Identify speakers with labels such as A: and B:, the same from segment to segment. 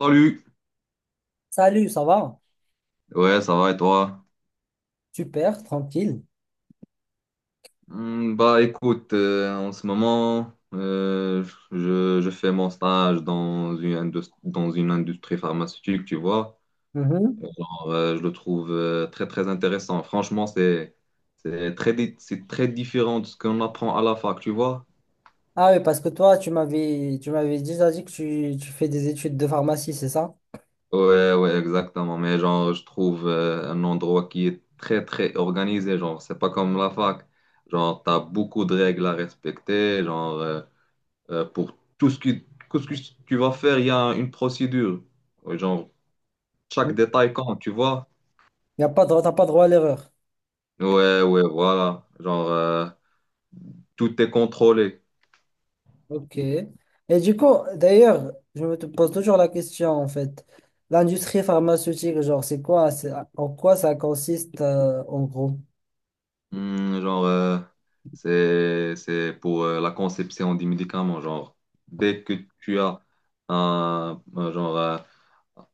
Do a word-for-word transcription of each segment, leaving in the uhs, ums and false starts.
A: Salut,
B: Salut, ça va?
A: ouais, ça va et toi?
B: Super, tranquille.
A: Hmm, bah écoute, euh, en ce moment, euh, je, je fais mon stage dans une, indus- dans une industrie pharmaceutique, tu vois.
B: Mhm.
A: Alors, euh, je le trouve euh, très très intéressant. Franchement, c'est c'est très, di- c'est très différent de ce qu'on apprend à la fac, tu vois.
B: Ah oui, parce que toi, tu m'avais tu m'avais déjà dit que tu, tu fais des études de pharmacie, c'est ça?
A: Ouais, ouais, exactement. Mais genre, je trouve euh, un endroit qui est très, très organisé. Genre, c'est pas comme la fac. Genre, t'as beaucoup de règles à respecter. Genre, euh, Euh, pour tout ce qui, tout ce que tu vas faire, il y a une procédure. Ouais, genre,
B: Il
A: chaque détail compte, tu vois?
B: Y a pas de, t'as pas droit à l'erreur.
A: Ouais, ouais, voilà. Genre, euh, tout est contrôlé.
B: Ok. Et du coup, d'ailleurs, je me te pose toujours la question, en fait. L'industrie pharmaceutique, genre, c'est quoi? c'est- En quoi ça consiste, euh, en gros?
A: Hmm, genre, euh, c'est, c'est pour euh, la conception des médicaments. Genre, dès que tu as un, un genre, euh,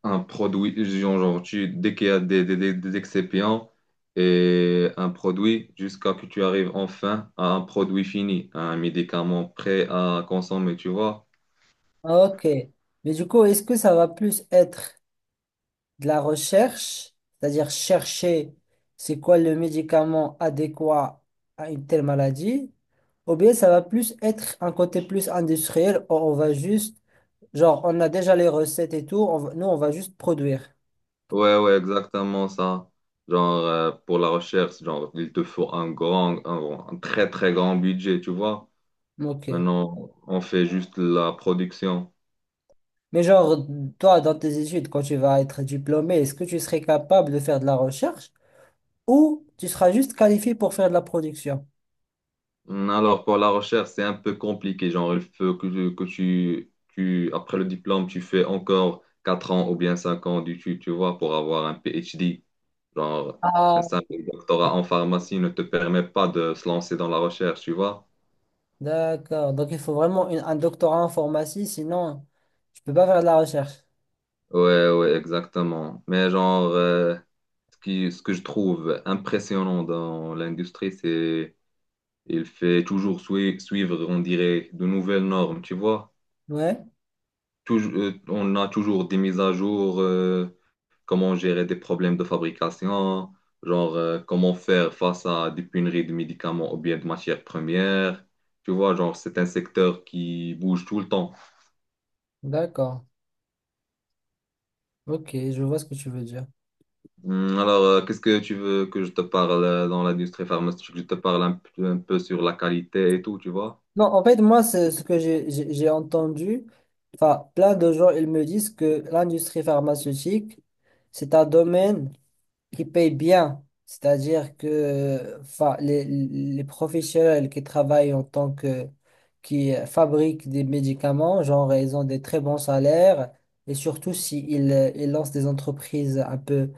A: un produit, genre, genre, tu, dès qu'il y a des, des, des- des excipient et un produit, jusqu'à que tu arrives enfin à un produit fini, à un médicament prêt à consommer, tu vois?
B: Ah, ok. Mais du coup, est-ce que ça va plus être de la recherche, c'est-à-dire chercher c'est quoi le médicament adéquat à une telle maladie, ou bien ça va plus être un côté plus industriel, où on va juste, genre, on a déjà les recettes et tout, on va- nous, on va juste produire.
A: Ouais, ouais, exactement ça. Genre, euh, pour la recherche, genre, il te faut un grand, un, un très, très grand budget, tu vois?
B: Ok.
A: Maintenant, on fait juste la production.
B: Mais genre, toi, dans tes études, quand tu vas être diplômé, est-ce que tu serais capable de faire de la recherche ou tu seras juste qualifié pour faire de la production?
A: Mm, alors, pour la recherche, c'est un peu compliqué. Genre, il faut que, tu, que tu- tu- après le diplôme, tu fais encore quatre ans ou bien cinq ans d'études, tu vois, pour avoir un P H D. Genre, un
B: Ah,
A: simple doctorat en pharmacie ne te permet pas de se lancer dans la recherche, tu vois.
B: d'accord. Donc, il faut vraiment une- un doctorat en pharmacie, sinon, tu peux pas faire de la recherche.
A: Ouais, ouais, exactement. Mais genre, euh, ce qui, ce que je trouve impressionnant dans l'industrie, c'est il fait toujours sui- suivre, on dirait, de nouvelles normes, tu vois.
B: Ouais,
A: Touj- euh, on a toujours des mises à jour. Euh, comment gérer des problèmes de fabrication, genre euh, comment faire face à des pénuries de médicaments ou bien de matières premières. Tu vois, genre, c'est un secteur qui bouge tout le temps.
B: d'accord. Ok, je vois ce que tu veux dire.
A: Hum, Alors, euh, qu'est-ce que tu veux que je te parle euh, dans l'industrie pharmaceutique? Je te parle un, p- un peu sur la qualité et tout, tu vois?
B: Non, en fait, moi, c'est ce que j'ai j'ai- j'ai entendu. Enfin, plein de gens, ils me disent que l'industrie pharmaceutique, c'est un domaine qui paye bien. C'est-à-dire que enfin, les, les professionnels qui travaillent en tant que, qui euh, fabriquent des médicaments, genre, ils ont des très bons salaires. Et surtout, s'ils ils lancent des entreprises un peu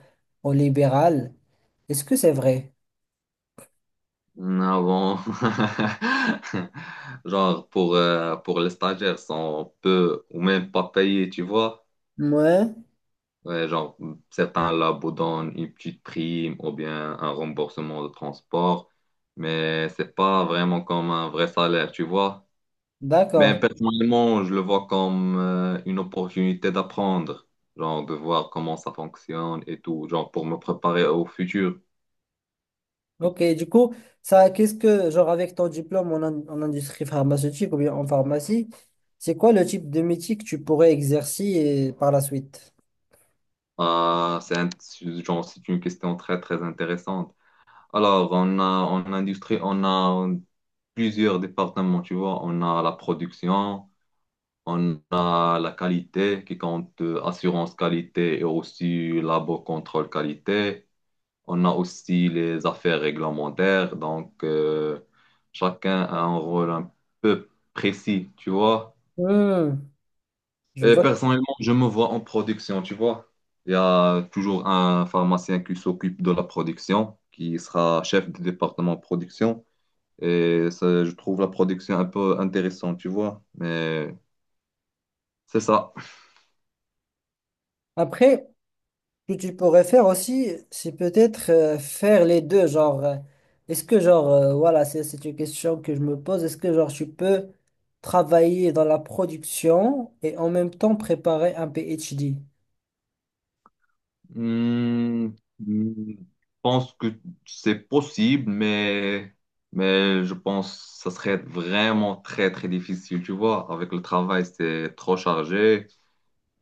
B: au libéral. Est-ce que c'est vrai?
A: Hum, Avant, genre, pour, euh, pour les stagiaires, sont peu ou même pas payés, tu vois?
B: Ouais.
A: Ouais, genre, certains labos donnent une petite prime ou bien un remboursement de transport, mais c'est pas vraiment comme un vrai salaire, tu vois.
B: D'accord.
A: Mais personnellement, je le vois comme euh, une opportunité d'apprendre, genre de voir comment ça fonctionne et tout, genre pour me préparer au futur.
B: Ok, du coup, ça, qu'est-ce que, genre, avec ton diplôme en, in- en industrie pharmaceutique ou bien en pharmacie, c'est quoi le type de métier que tu pourrais exercer et par la suite?
A: Ah, c'est un- genre, c'est une question très, très intéressante. Alors, on a, en industrie, on a plusieurs départements, tu vois. On a la production. On a la qualité qui compte euh, assurance qualité et aussi labo contrôle qualité. On a aussi les affaires réglementaires. Donc, euh, chacun a un rôle un peu précis, tu vois.
B: Hmm, je
A: Et
B: vois.
A: personnellement, je me vois en production, tu vois. Il y a toujours un pharmacien qui s'occupe de la production, qui sera chef du département production. Et ça, je trouve la production un peu intéressante, tu vois. Mais c'est ça.
B: Après, ce que tu pourrais faire aussi, c'est peut-être euh, faire les deux. Genre, euh, est-ce que, genre, euh, voilà, c'est c'est une question que je me pose. Est-ce que, genre, tu peux travailler dans la production et en même temps préparer un PhD?
A: Hmm, hmm, je pense que c'est possible, mais, mais je pense que ça serait vraiment très, très difficile, tu vois. Avec le travail, c'est trop chargé.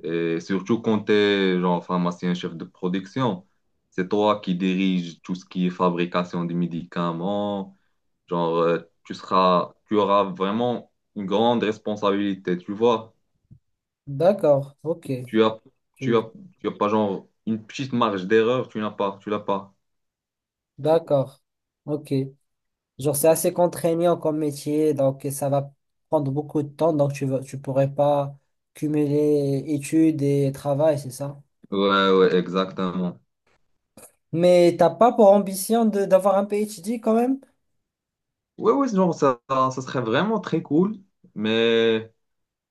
A: Et surtout quand t'es, genre, pharmacien, chef de production, c'est toi qui dirige tout ce qui est fabrication des médicaments. Genre, euh, tu seras, tu auras vraiment une grande responsabilité, tu vois.
B: D'accord, ok.
A: Tu as,
B: Tu
A: tu
B: veux dire.
A: as, tu as pas, genre, une petite marge d'erreur, tu n'as pas, tu l'as pas.
B: D'accord, ok. Genre, c'est assez contraignant comme métier, donc ça va prendre beaucoup de temps, donc tu vas, tu pourrais pas cumuler études et travail, c'est ça?
A: Ouais, ouais, exactement.
B: Mais t'as pas pour ambition de d'avoir un PhD quand même?
A: Ouais, ouais, genre, ça, ça serait vraiment très cool, mais,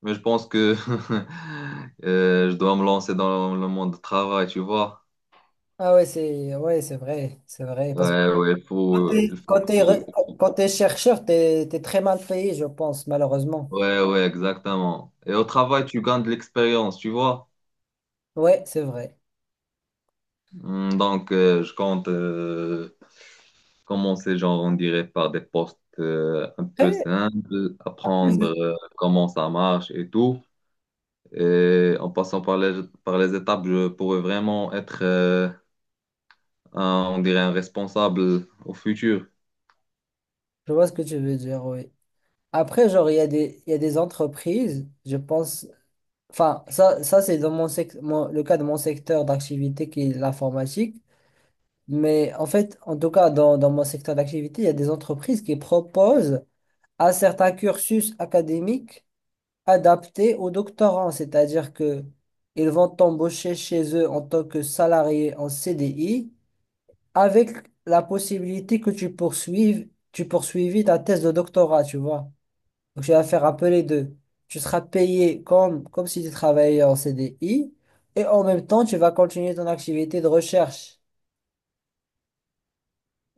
A: mais je pense que euh, je dois me lancer dans le monde du travail, tu vois.
B: Ah ouais, c'est ouais, c'est vrai, c'est vrai. Parce que
A: Ouais, ouais, il
B: quand
A: faut, il
B: t'es,
A: faut
B: quand t'es re-
A: que-
B: quand t'es chercheur, t'es, t'es très mal payé, je pense, malheureusement.
A: ouais, ouais, exactement. Et au travail, tu gagnes de l'expérience, tu vois.
B: Ouais, c'est vrai.
A: Hmm, donc, euh, je compte euh, commencer, genre, on dirait, par des postes euh, un peu
B: Après,
A: simples, apprendre
B: je
A: euh, comment ça marche et tout. Et en passant par les, par les étapes, je pourrais vraiment être, euh, un- on dirait, un responsable au futur.
B: vois ce que tu veux dire, oui. Après, genre, il y a des, il y a des entreprises, je pense. Enfin, ça, ça c'est dans mon sec- mon- le cas de mon secteur d'activité qui est l'informatique. Mais en fait, en tout cas, dans, dans mon secteur d'activité, il y a des entreprises qui proposent à certains cursus académiques. Adapté aux doctorants, c'est-à-dire que ils vont t'embaucher chez eux en tant que salarié en C D I avec la possibilité que tu poursuives, tu poursuivis ta thèse de doctorat, tu vois. Donc tu vas faire un peu les deux. Tu seras payé comme, comme si tu travaillais en C D I et en même temps, tu vas continuer ton activité de recherche.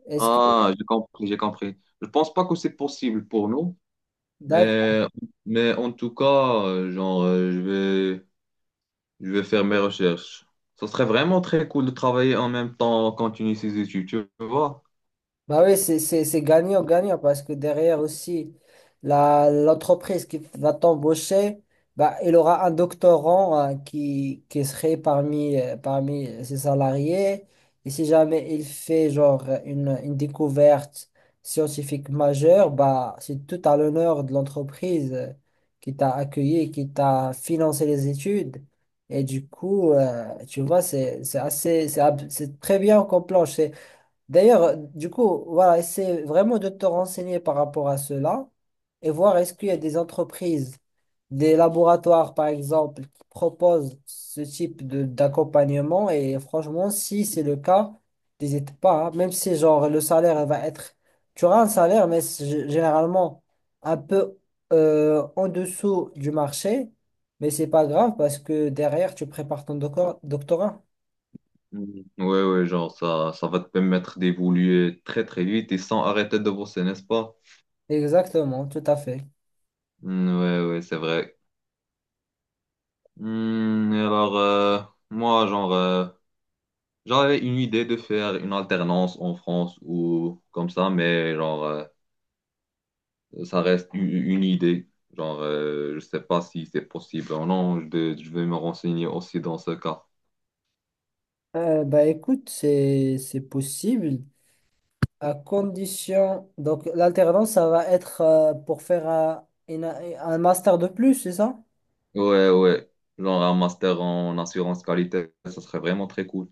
B: Est-ce que,
A: Ah, j'ai compris, j'ai compris. Je pense pas que c'est possible pour nous, mais, mais en tout cas, euh, genre, euh, je vais, je vais faire mes recherches. Ce serait vraiment très cool de travailler en même temps, continuer ses études, tu vois?
B: bah oui, c'est c'est- c'est gagnant-gagnant parce que derrière aussi, la, l'entreprise qui va t'embaucher, bah, il aura un doctorant hein, qui, qui serait parmi, euh, parmi ses salariés. Et si jamais il fait genre une, une découverte scientifique majeure, bah, c'est tout à l'honneur de l'entreprise euh, qui t'a accueilli, et qui t'a financé les études. Et du coup, euh, tu vois, c'est c'est assez, c'est ab- c'est très bien qu'on planche. D'ailleurs, euh, du coup, voilà, essaie vraiment de te renseigner par rapport à cela et voir est-ce qu'il y a des entreprises, des laboratoires par exemple, qui proposent ce type de d'accompagnement. Et franchement, si c'est le cas, n'hésite pas, hein. Même si genre le salaire va être, tu auras un salaire, mais c'est g- généralement un peu euh, en dessous du marché, mais c'est pas grave parce que derrière, tu prépares ton doco- doctorat.
A: Mhm. Ouais, ouais, genre, ça, ça va te permettre d'évoluer très, très vite et sans arrêter de bosser, n'est-ce pas?
B: Exactement, tout à fait.
A: Mm, ouais, ouais, c'est vrai. Hmm, alors, euh, moi, genre, euh, j'avais une idée de faire une alternance en France ou comme ça, mais genre, euh, ça reste u- une idée. Genre, euh, je sais pas si c'est possible ou non. Je, vais je vais me renseigner aussi dans ce cas.
B: Euh, bah écoute, c'est c'est possible à condition. Donc l'alternance, ça va être euh, pour faire un, une- un master de plus, c'est ça?
A: Ouais, ouais. Genre, un master en assurance qualité, ça serait vraiment très cool.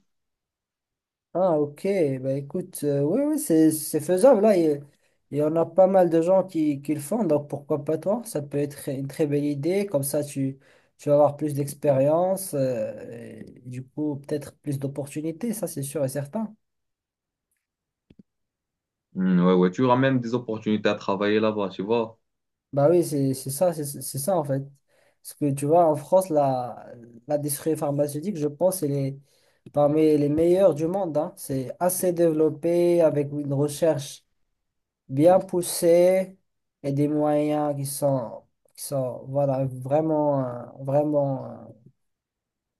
B: Ah ok, bah écoute, euh, oui oui, c'est c'est faisable là. Il, il y en a pas mal de gens qui, qui le font, donc pourquoi pas toi? Ça peut être une très belle idée. Comme ça, tu tu vas avoir plus d'expérience, euh, et du coup peut-être plus d'opportunités, ça c'est sûr et certain.
A: Hmm, ouais, ouais. Tu auras même des opportunités à travailler là-bas, tu vois.
B: Bah oui, c'est c'est ça, c'est c'est ça en fait. Parce que tu vois, en France, la, l'industrie pharmaceutique, je pense, elle est parmi les meilleures du monde, hein. C'est assez développé, avec une recherche bien poussée et des moyens qui sont, qui sont voilà, vraiment, euh, vraiment euh,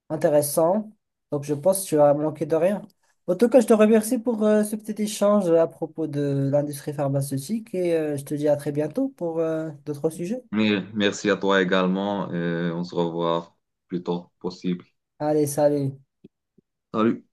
B: intéressants. Donc je pense que tu vas manquer de rien. En tout cas, je te remercie pour euh, ce petit échange à propos de l'industrie pharmaceutique et euh, je te dis à très bientôt pour euh, d'autres sujets.
A: Mais merci à toi également. Et on se revoit plus tôt possible.
B: Allez, salut.
A: Salut.